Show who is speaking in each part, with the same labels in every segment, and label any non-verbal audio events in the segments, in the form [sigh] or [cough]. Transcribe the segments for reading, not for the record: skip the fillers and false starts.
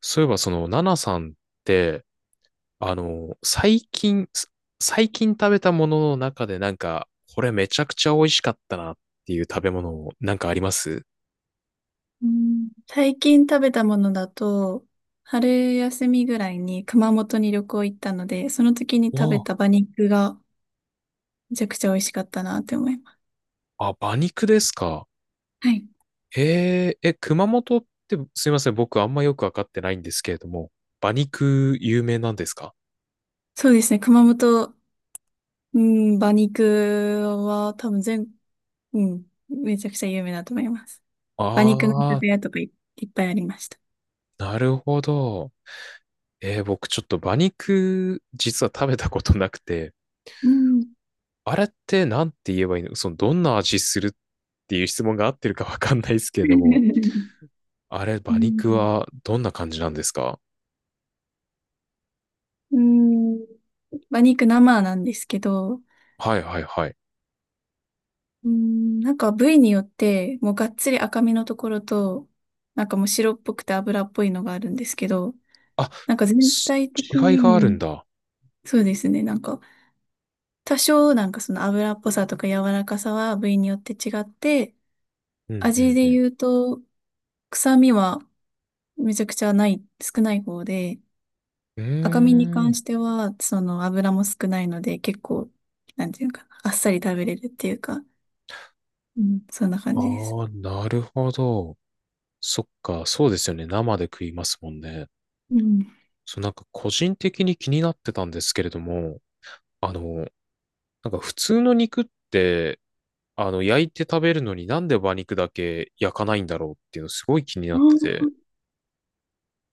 Speaker 1: そういえば、ナナさんって、最近、最近食べたものの中で、これめちゃくちゃ美味しかったなっていう食べ物、なんかあります
Speaker 2: うん、最近食べたものだと、春休みぐらいに熊本に旅行行ったので、その時に食べ
Speaker 1: わ
Speaker 2: た馬肉がめちゃくちゃ美味しかったなって思います。
Speaker 1: あ、あ、馬肉ですか。
Speaker 2: はい。
Speaker 1: え、熊本って、すいません、僕あんまよくわかってないんですけれども、馬肉有名なんですか
Speaker 2: そうですね。熊本、うん、馬肉は多分全、うん、めちゃくちゃ有名だと思います。馬肉の居
Speaker 1: ああ
Speaker 2: 酒
Speaker 1: ー、
Speaker 2: 屋とかいっぱいありました。
Speaker 1: なるほど。僕ちょっと馬肉、実は食べたことなくて、
Speaker 2: うん。
Speaker 1: あれってなんて言えばいいのその、どんな味するっていう質問が合ってるかわかんないですけれども、
Speaker 2: [laughs]
Speaker 1: あれ、
Speaker 2: う
Speaker 1: 馬肉
Speaker 2: ん、
Speaker 1: はどんな感じなんですか
Speaker 2: うん、馬肉生なんですけど、
Speaker 1: はいはいはい。
Speaker 2: なんか部位によって、もうがっつり赤身のところと、なんかもう白っぽくて脂っぽいのがあるんですけど、
Speaker 1: あ、
Speaker 2: なんか全
Speaker 1: す
Speaker 2: 体的
Speaker 1: 違い
Speaker 2: に、
Speaker 1: があるんだ。
Speaker 2: そうですね、なんか多少なんかその脂っぽさとか柔らかさは部位によって違って、
Speaker 1: うんう
Speaker 2: 味
Speaker 1: ん
Speaker 2: で
Speaker 1: うん。
Speaker 2: 言うと臭みはめちゃくちゃない、少ない方で、
Speaker 1: うー
Speaker 2: 赤身に関
Speaker 1: ん。
Speaker 2: してはその脂も少ないので結構、なんていうのかな、あっさり食べれるっていうか、うん、そんな感じです。
Speaker 1: ああ、なるほど。そっか、そうですよね。生で食いますもんね。
Speaker 2: うん
Speaker 1: そう、なんか個人的に気になってたんですけれども、あの、なんか普通の肉って、焼いて食べるのになんで馬肉だけ焼かないんだろうっていうのすごい気になってて。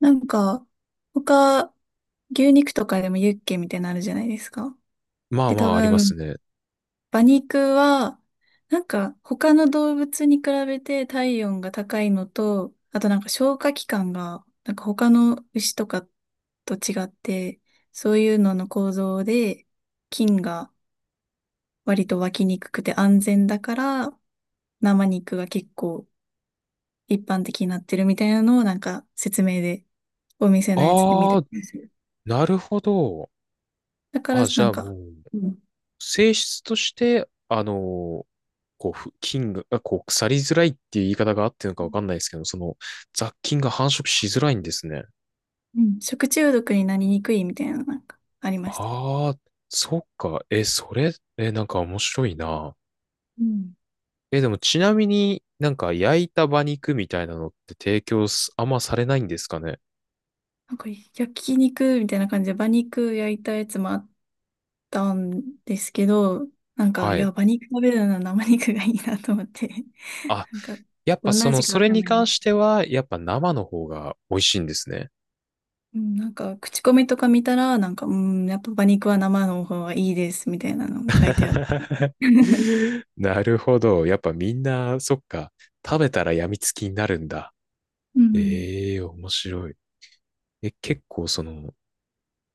Speaker 2: なんか、他、牛肉とかでもユッケみたいなのあるじゃないですか。
Speaker 1: まあ
Speaker 2: で、
Speaker 1: ま
Speaker 2: 多
Speaker 1: ああります
Speaker 2: 分、
Speaker 1: ね。
Speaker 2: 馬肉は、なんか、他の動物に比べて体温が高いのと、あとなんか消化器官が、なんか他の牛とかと違って、そういうのの構造で、菌が割と湧きにくくて安全だから、生肉が結構一般的になってるみたいなのをなんか説明で、お店のやつで見た
Speaker 1: ああ、
Speaker 2: 気がする。
Speaker 1: なるほど。
Speaker 2: だから、
Speaker 1: あ、じ
Speaker 2: な
Speaker 1: ゃ
Speaker 2: ん
Speaker 1: あ
Speaker 2: か。
Speaker 1: もう、
Speaker 2: うん。
Speaker 1: 性質として、こう、ふ菌が、あこう、腐りづらいっていう言い方があってるのかわかんないですけど、その、雑菌が繁殖しづらいんですね。
Speaker 2: うん、食中毒になりにくいみたいな、なんか、ありました。
Speaker 1: ああ、そっか。え、それ、え、なんか面白いな。
Speaker 2: うん
Speaker 1: え、でもちなみになんか焼いた馬肉みたいなのって提供すあんまされないんですかね。
Speaker 2: なんか、焼肉みたいな感じで、馬肉焼いたやつもあったんですけど、なんか、
Speaker 1: は
Speaker 2: いや、
Speaker 1: い。
Speaker 2: 馬肉食べるなら生肉がいいなと思って、[laughs]
Speaker 1: あ、
Speaker 2: なんか、
Speaker 1: やっぱ
Speaker 2: どんな
Speaker 1: その、
Speaker 2: 味か
Speaker 1: そ
Speaker 2: わ
Speaker 1: れ
Speaker 2: かん
Speaker 1: に
Speaker 2: ない
Speaker 1: 関
Speaker 2: です。
Speaker 1: しては、やっぱ生の方が美味しいんですね。
Speaker 2: うん、なんか、口コミとか見たら、なんか、うん、やっぱ馬肉は生の方がいいです、みたいなのも書いてあって。
Speaker 1: [laughs]
Speaker 2: [laughs] う
Speaker 1: なるほど。やっぱみんな、そっか、食べたら病みつきになるんだ。
Speaker 2: ん、
Speaker 1: ええ面白い。え、結構その、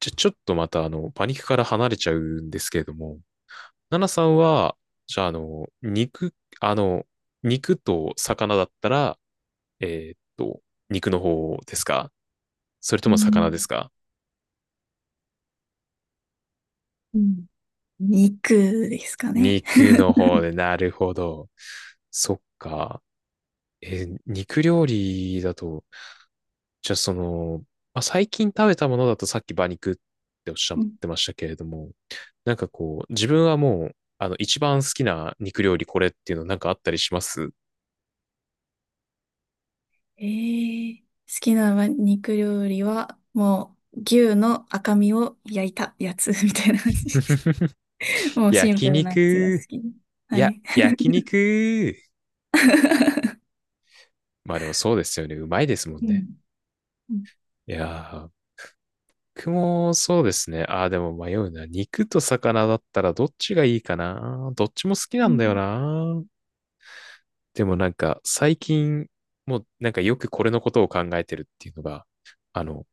Speaker 1: じゃ、ちょっとまたパニックから離れちゃうんですけれども、ナナさんは、じゃああの、肉、あの、肉と魚だったら、えーっと、肉の方ですかそれと
Speaker 2: う
Speaker 1: も魚で
Speaker 2: ん、
Speaker 1: すか
Speaker 2: うん、肉ですかね。
Speaker 1: 肉の方で、なるほど。そっか。え、肉料理だと、じゃあその、まあ、最近食べたものだとさっき馬肉っておっしゃってましたけれども、なんかこう、自分はもう、一番好きな肉料理これっていうのなんかあったりします
Speaker 2: えー、好きな肉料理は、もう、牛の赤身を焼いたやつ [laughs] みたいな感じ。
Speaker 1: [laughs]
Speaker 2: [laughs] もうシンプ
Speaker 1: 焼
Speaker 2: ルなやつが好
Speaker 1: 肉。
Speaker 2: き。
Speaker 1: い
Speaker 2: は
Speaker 1: や、
Speaker 2: い。
Speaker 1: 焼肉。
Speaker 2: [laughs]
Speaker 1: まあでもそうですよね。うまいですもん
Speaker 2: う
Speaker 1: ね。
Speaker 2: ん。うん、
Speaker 1: いやー、僕もそうですね。ああ、でも迷うな。肉と魚だったらどっちがいいかな。どっちも好きなんだよ
Speaker 2: う
Speaker 1: な。でもなんか最近もうなんかよくこれのことを考えてるっていうのが、あの、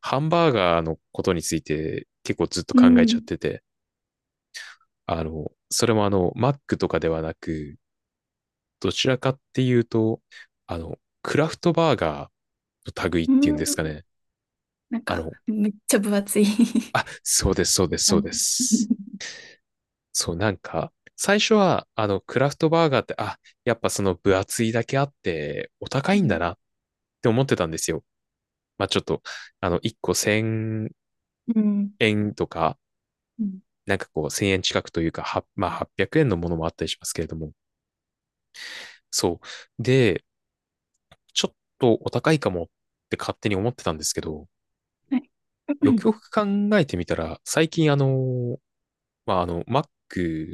Speaker 1: ハンバーガーのことについて結構ずっと考えちゃっ
Speaker 2: ん。
Speaker 1: てて、あの、それもあの、マックとかではなく、どちらかっていうと、あの、クラフトバーガーの類っ
Speaker 2: う
Speaker 1: ていうんですか
Speaker 2: ん
Speaker 1: ね。
Speaker 2: なん
Speaker 1: あ
Speaker 2: か、
Speaker 1: の、
Speaker 2: めっちゃ分厚い。
Speaker 1: あ、そうです、そうです、
Speaker 2: [laughs] な
Speaker 1: そう
Speaker 2: んか、
Speaker 1: です。
Speaker 2: う
Speaker 1: そう、なんか、最初は、クラフトバーガーって、あ、やっぱその分厚いだけあって、お高いんだなっ
Speaker 2: ん、
Speaker 1: て思ってたんですよ。まあ、ちょっと、1個1000
Speaker 2: うん、
Speaker 1: 円とか、
Speaker 2: うん、
Speaker 1: なんかこう、1000円近くというか、は、まあ、800円のものもあったりしますけれども。そう。で、ちょっとお高いかもって勝手に思ってたんですけど、
Speaker 2: はい。[laughs] う
Speaker 1: よく
Speaker 2: ん、
Speaker 1: よく考えてみたら、最近あの、まあ、あの、Mac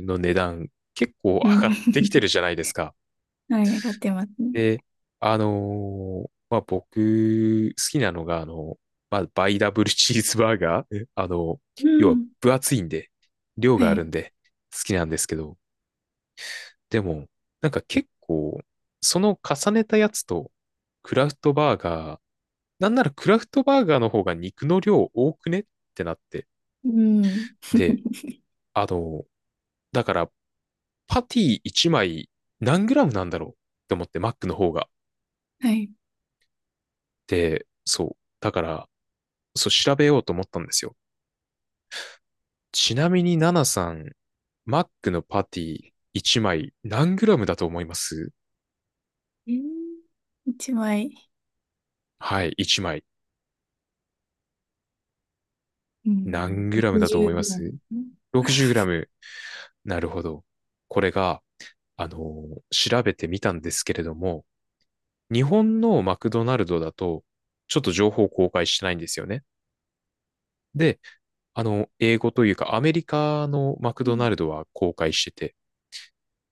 Speaker 1: の値段結構上
Speaker 2: うん、
Speaker 1: がってきてるじゃないですか。
Speaker 2: はい、上がってますね。
Speaker 1: で、まあ、僕、好きなのが、まあ、バイダブルチーズバーガー。えあの、
Speaker 2: う
Speaker 1: 要は
Speaker 2: ん。
Speaker 1: 分厚いんで、量
Speaker 2: は
Speaker 1: がある
Speaker 2: い。
Speaker 1: んで、好きなんですけど、でも、なんか結構、その重ねたやつと、クラフトバーガー、なんならクラフトバーガーの方が肉の量多くねってなって。
Speaker 2: うん。
Speaker 1: で、
Speaker 2: [laughs]
Speaker 1: あの、だから、パティ1枚何グラムなんだろうって思って、マックの方が。
Speaker 2: はい。
Speaker 1: で、そう。だから、そう、調べようと思ったんですよ。ちなみに、ナナさん、マックのパティ1枚何グラムだと思います
Speaker 2: えー一枚。
Speaker 1: はい、1枚。
Speaker 2: うん。
Speaker 1: 何グラムだと思い
Speaker 2: 60
Speaker 1: ま
Speaker 2: グラム。
Speaker 1: す ?60 グラム。なるほど。これが、調べてみたんですけれども、日本のマクドナルドだと、ちょっと情報公開してないんですよね。で、英語というか、アメリカのマク
Speaker 2: う
Speaker 1: ド
Speaker 2: ん。
Speaker 1: ナルドは公開してて、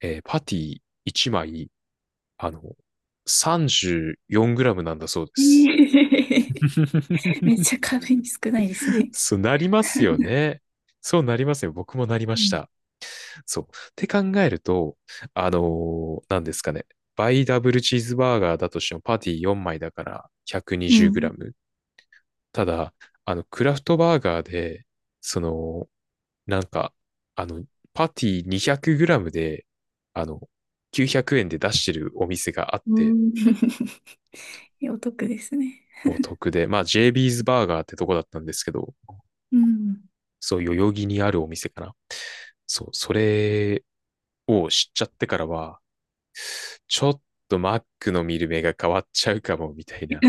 Speaker 1: えーパティ1枚あの、34グラムなんだそうです。
Speaker 2: えー [laughs] めっ
Speaker 1: [laughs]
Speaker 2: ちゃ軽い、少ないですね。
Speaker 1: そうなりますよね。そうなりますよ。僕もなりま
Speaker 2: う
Speaker 1: し
Speaker 2: ん。
Speaker 1: た。そう。って考えると、あのなんですかね。バイダブルチーズバーガーだとしてもパティ4枚だから
Speaker 2: う
Speaker 1: 120グラ
Speaker 2: ん。
Speaker 1: ム。ただ、クラフトバーガーで、その、なんか、あの、パティ200グラムで、あの、900円で出してるお店があっ
Speaker 2: う
Speaker 1: て、
Speaker 2: ん。 [laughs]。お得ですね。
Speaker 1: お得で、まあ JB's バーガーってとこだったんですけど、
Speaker 2: うん。
Speaker 1: そう、代々木にあるお店かな。そう、それを知っちゃってからは、ちょっとマックの見る目が変わっちゃうかも、みたいな。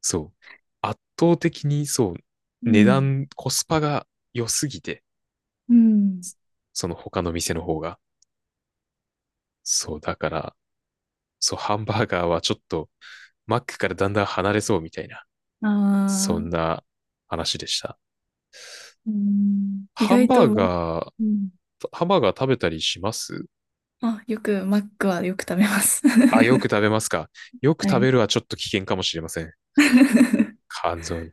Speaker 1: そう。圧倒的に、そ
Speaker 2: う
Speaker 1: う、値
Speaker 2: ん。
Speaker 1: 段、コスパが良すぎて、
Speaker 2: うん。
Speaker 1: その他の店の方が。そう、だから、そう、ハンバーガーはちょっと、マックからだんだん離れそうみたいな、
Speaker 2: あ
Speaker 1: そん
Speaker 2: あ、
Speaker 1: な話でした。
Speaker 2: うん。意
Speaker 1: ハン
Speaker 2: 外
Speaker 1: バ
Speaker 2: と
Speaker 1: ー
Speaker 2: マック、
Speaker 1: ガー、
Speaker 2: うん。
Speaker 1: ハンバーガー食べたりします
Speaker 2: あ、マックはよく食べます。
Speaker 1: あ、よく食べますか。よ
Speaker 2: [laughs]
Speaker 1: く
Speaker 2: は
Speaker 1: 食べ
Speaker 2: い。
Speaker 1: るはちょっと危険かもしれません。
Speaker 2: [laughs]
Speaker 1: 肝臓に。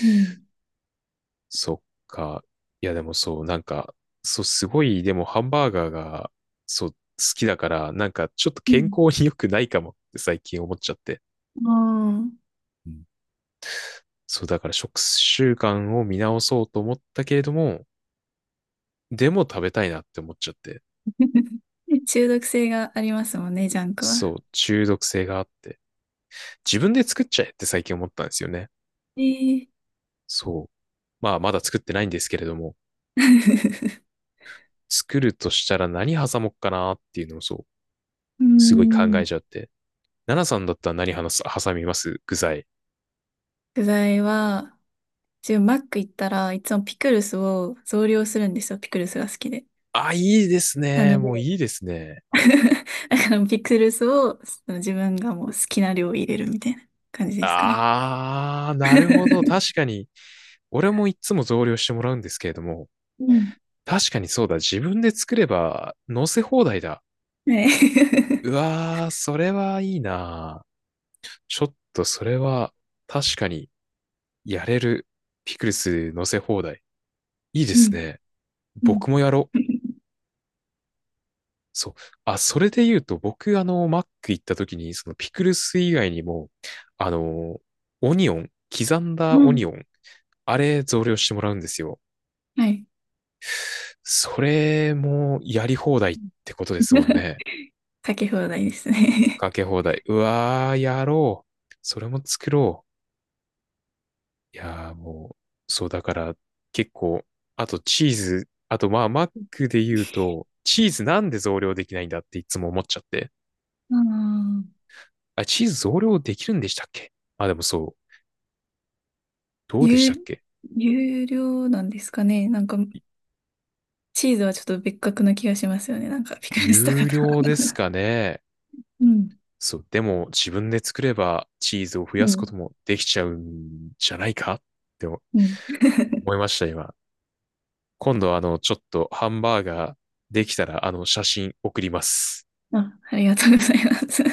Speaker 2: うん。
Speaker 1: そっか。いや、でもそう、なんか、そう、すごい、でもハンバーガーが、そう、好きだから、なんか、ちょっと
Speaker 2: う
Speaker 1: 健
Speaker 2: ん。
Speaker 1: 康に良くないかもって最近思っちゃって。
Speaker 2: あ
Speaker 1: うんそう、だから食習慣を見直そうと思ったけれども、でも食べたいなって思っちゃって。
Speaker 2: あ、[laughs] 中毒性がありますもんね、ジャンク
Speaker 1: そ
Speaker 2: は。
Speaker 1: う、中毒性があって。自分で作っちゃえって最近思ったんですよね。
Speaker 2: ええ。
Speaker 1: そう。まあ、まだ作ってないんですけれども。
Speaker 2: [laughs]
Speaker 1: 作るとしたら何挟もっかなっていうのをそう、
Speaker 2: う
Speaker 1: すごい考
Speaker 2: ん。
Speaker 1: えちゃって。奈々さんだったら何話す挟みます具材。
Speaker 2: 具材は、自分マック行ったらいつもピクルスを増量するんですよ。ピクルスが好きで。
Speaker 1: あ、いいです
Speaker 2: な
Speaker 1: ね。
Speaker 2: の
Speaker 1: もう
Speaker 2: で、
Speaker 1: いいですね。
Speaker 2: [laughs] だからピクルスをその自分がもう好きな量入れるみたいな感じですかね。
Speaker 1: あー、なるほど。
Speaker 2: [laughs]
Speaker 1: 確かに。俺もいつも増量してもらうんですけれども、
Speaker 2: うん。
Speaker 1: 確かにそうだ。自分で作れば乗せ放題だ。
Speaker 2: [laughs] はい。
Speaker 1: う
Speaker 2: [laughs]
Speaker 1: わー、それはいいな。ちょっとそれは確かにやれるピクルス乗せ放題。いいで
Speaker 2: う
Speaker 1: す
Speaker 2: ん。
Speaker 1: ね。
Speaker 2: うん。
Speaker 1: 僕もやろう。そう。あ、それで言うと、僕、マック行った時に、そのピクルス以外にも、あの、オニオン、刻んだ
Speaker 2: う
Speaker 1: オニ
Speaker 2: ん、
Speaker 1: オン、あれ増量してもらうんですよ。
Speaker 2: はい。
Speaker 1: それもやり放題ってことですもん
Speaker 2: [laughs]
Speaker 1: ね。
Speaker 2: かけ放題ですね。
Speaker 1: かけ放題。うわー、やろう。それも作ろう。いやー、もう、そう、だから、結構、あとチーズ、あと、まあ、マックで言うと、チーズなんで増量できないんだっていつも思っちゃって。
Speaker 2: ああ、
Speaker 1: あ、チーズ増量できるんでしたっけあ、でもそう。どう
Speaker 2: 有、
Speaker 1: でしたっけ
Speaker 2: 有料なんですかね。なんか、
Speaker 1: い
Speaker 2: チーズはちょっと別格な気がしますよね。なんか、ピクルスとか
Speaker 1: 有
Speaker 2: と。
Speaker 1: 料です
Speaker 2: [laughs]
Speaker 1: かね。
Speaker 2: うん。
Speaker 1: そう、でも自分で作ればチーズを増
Speaker 2: う
Speaker 1: やすこ
Speaker 2: ん。
Speaker 1: ともできちゃうんじゃないかって思
Speaker 2: うん。[laughs]
Speaker 1: いました、今。今度、ちょっとハンバーガーできたら、写真送ります。
Speaker 2: あ、ありがとうございます。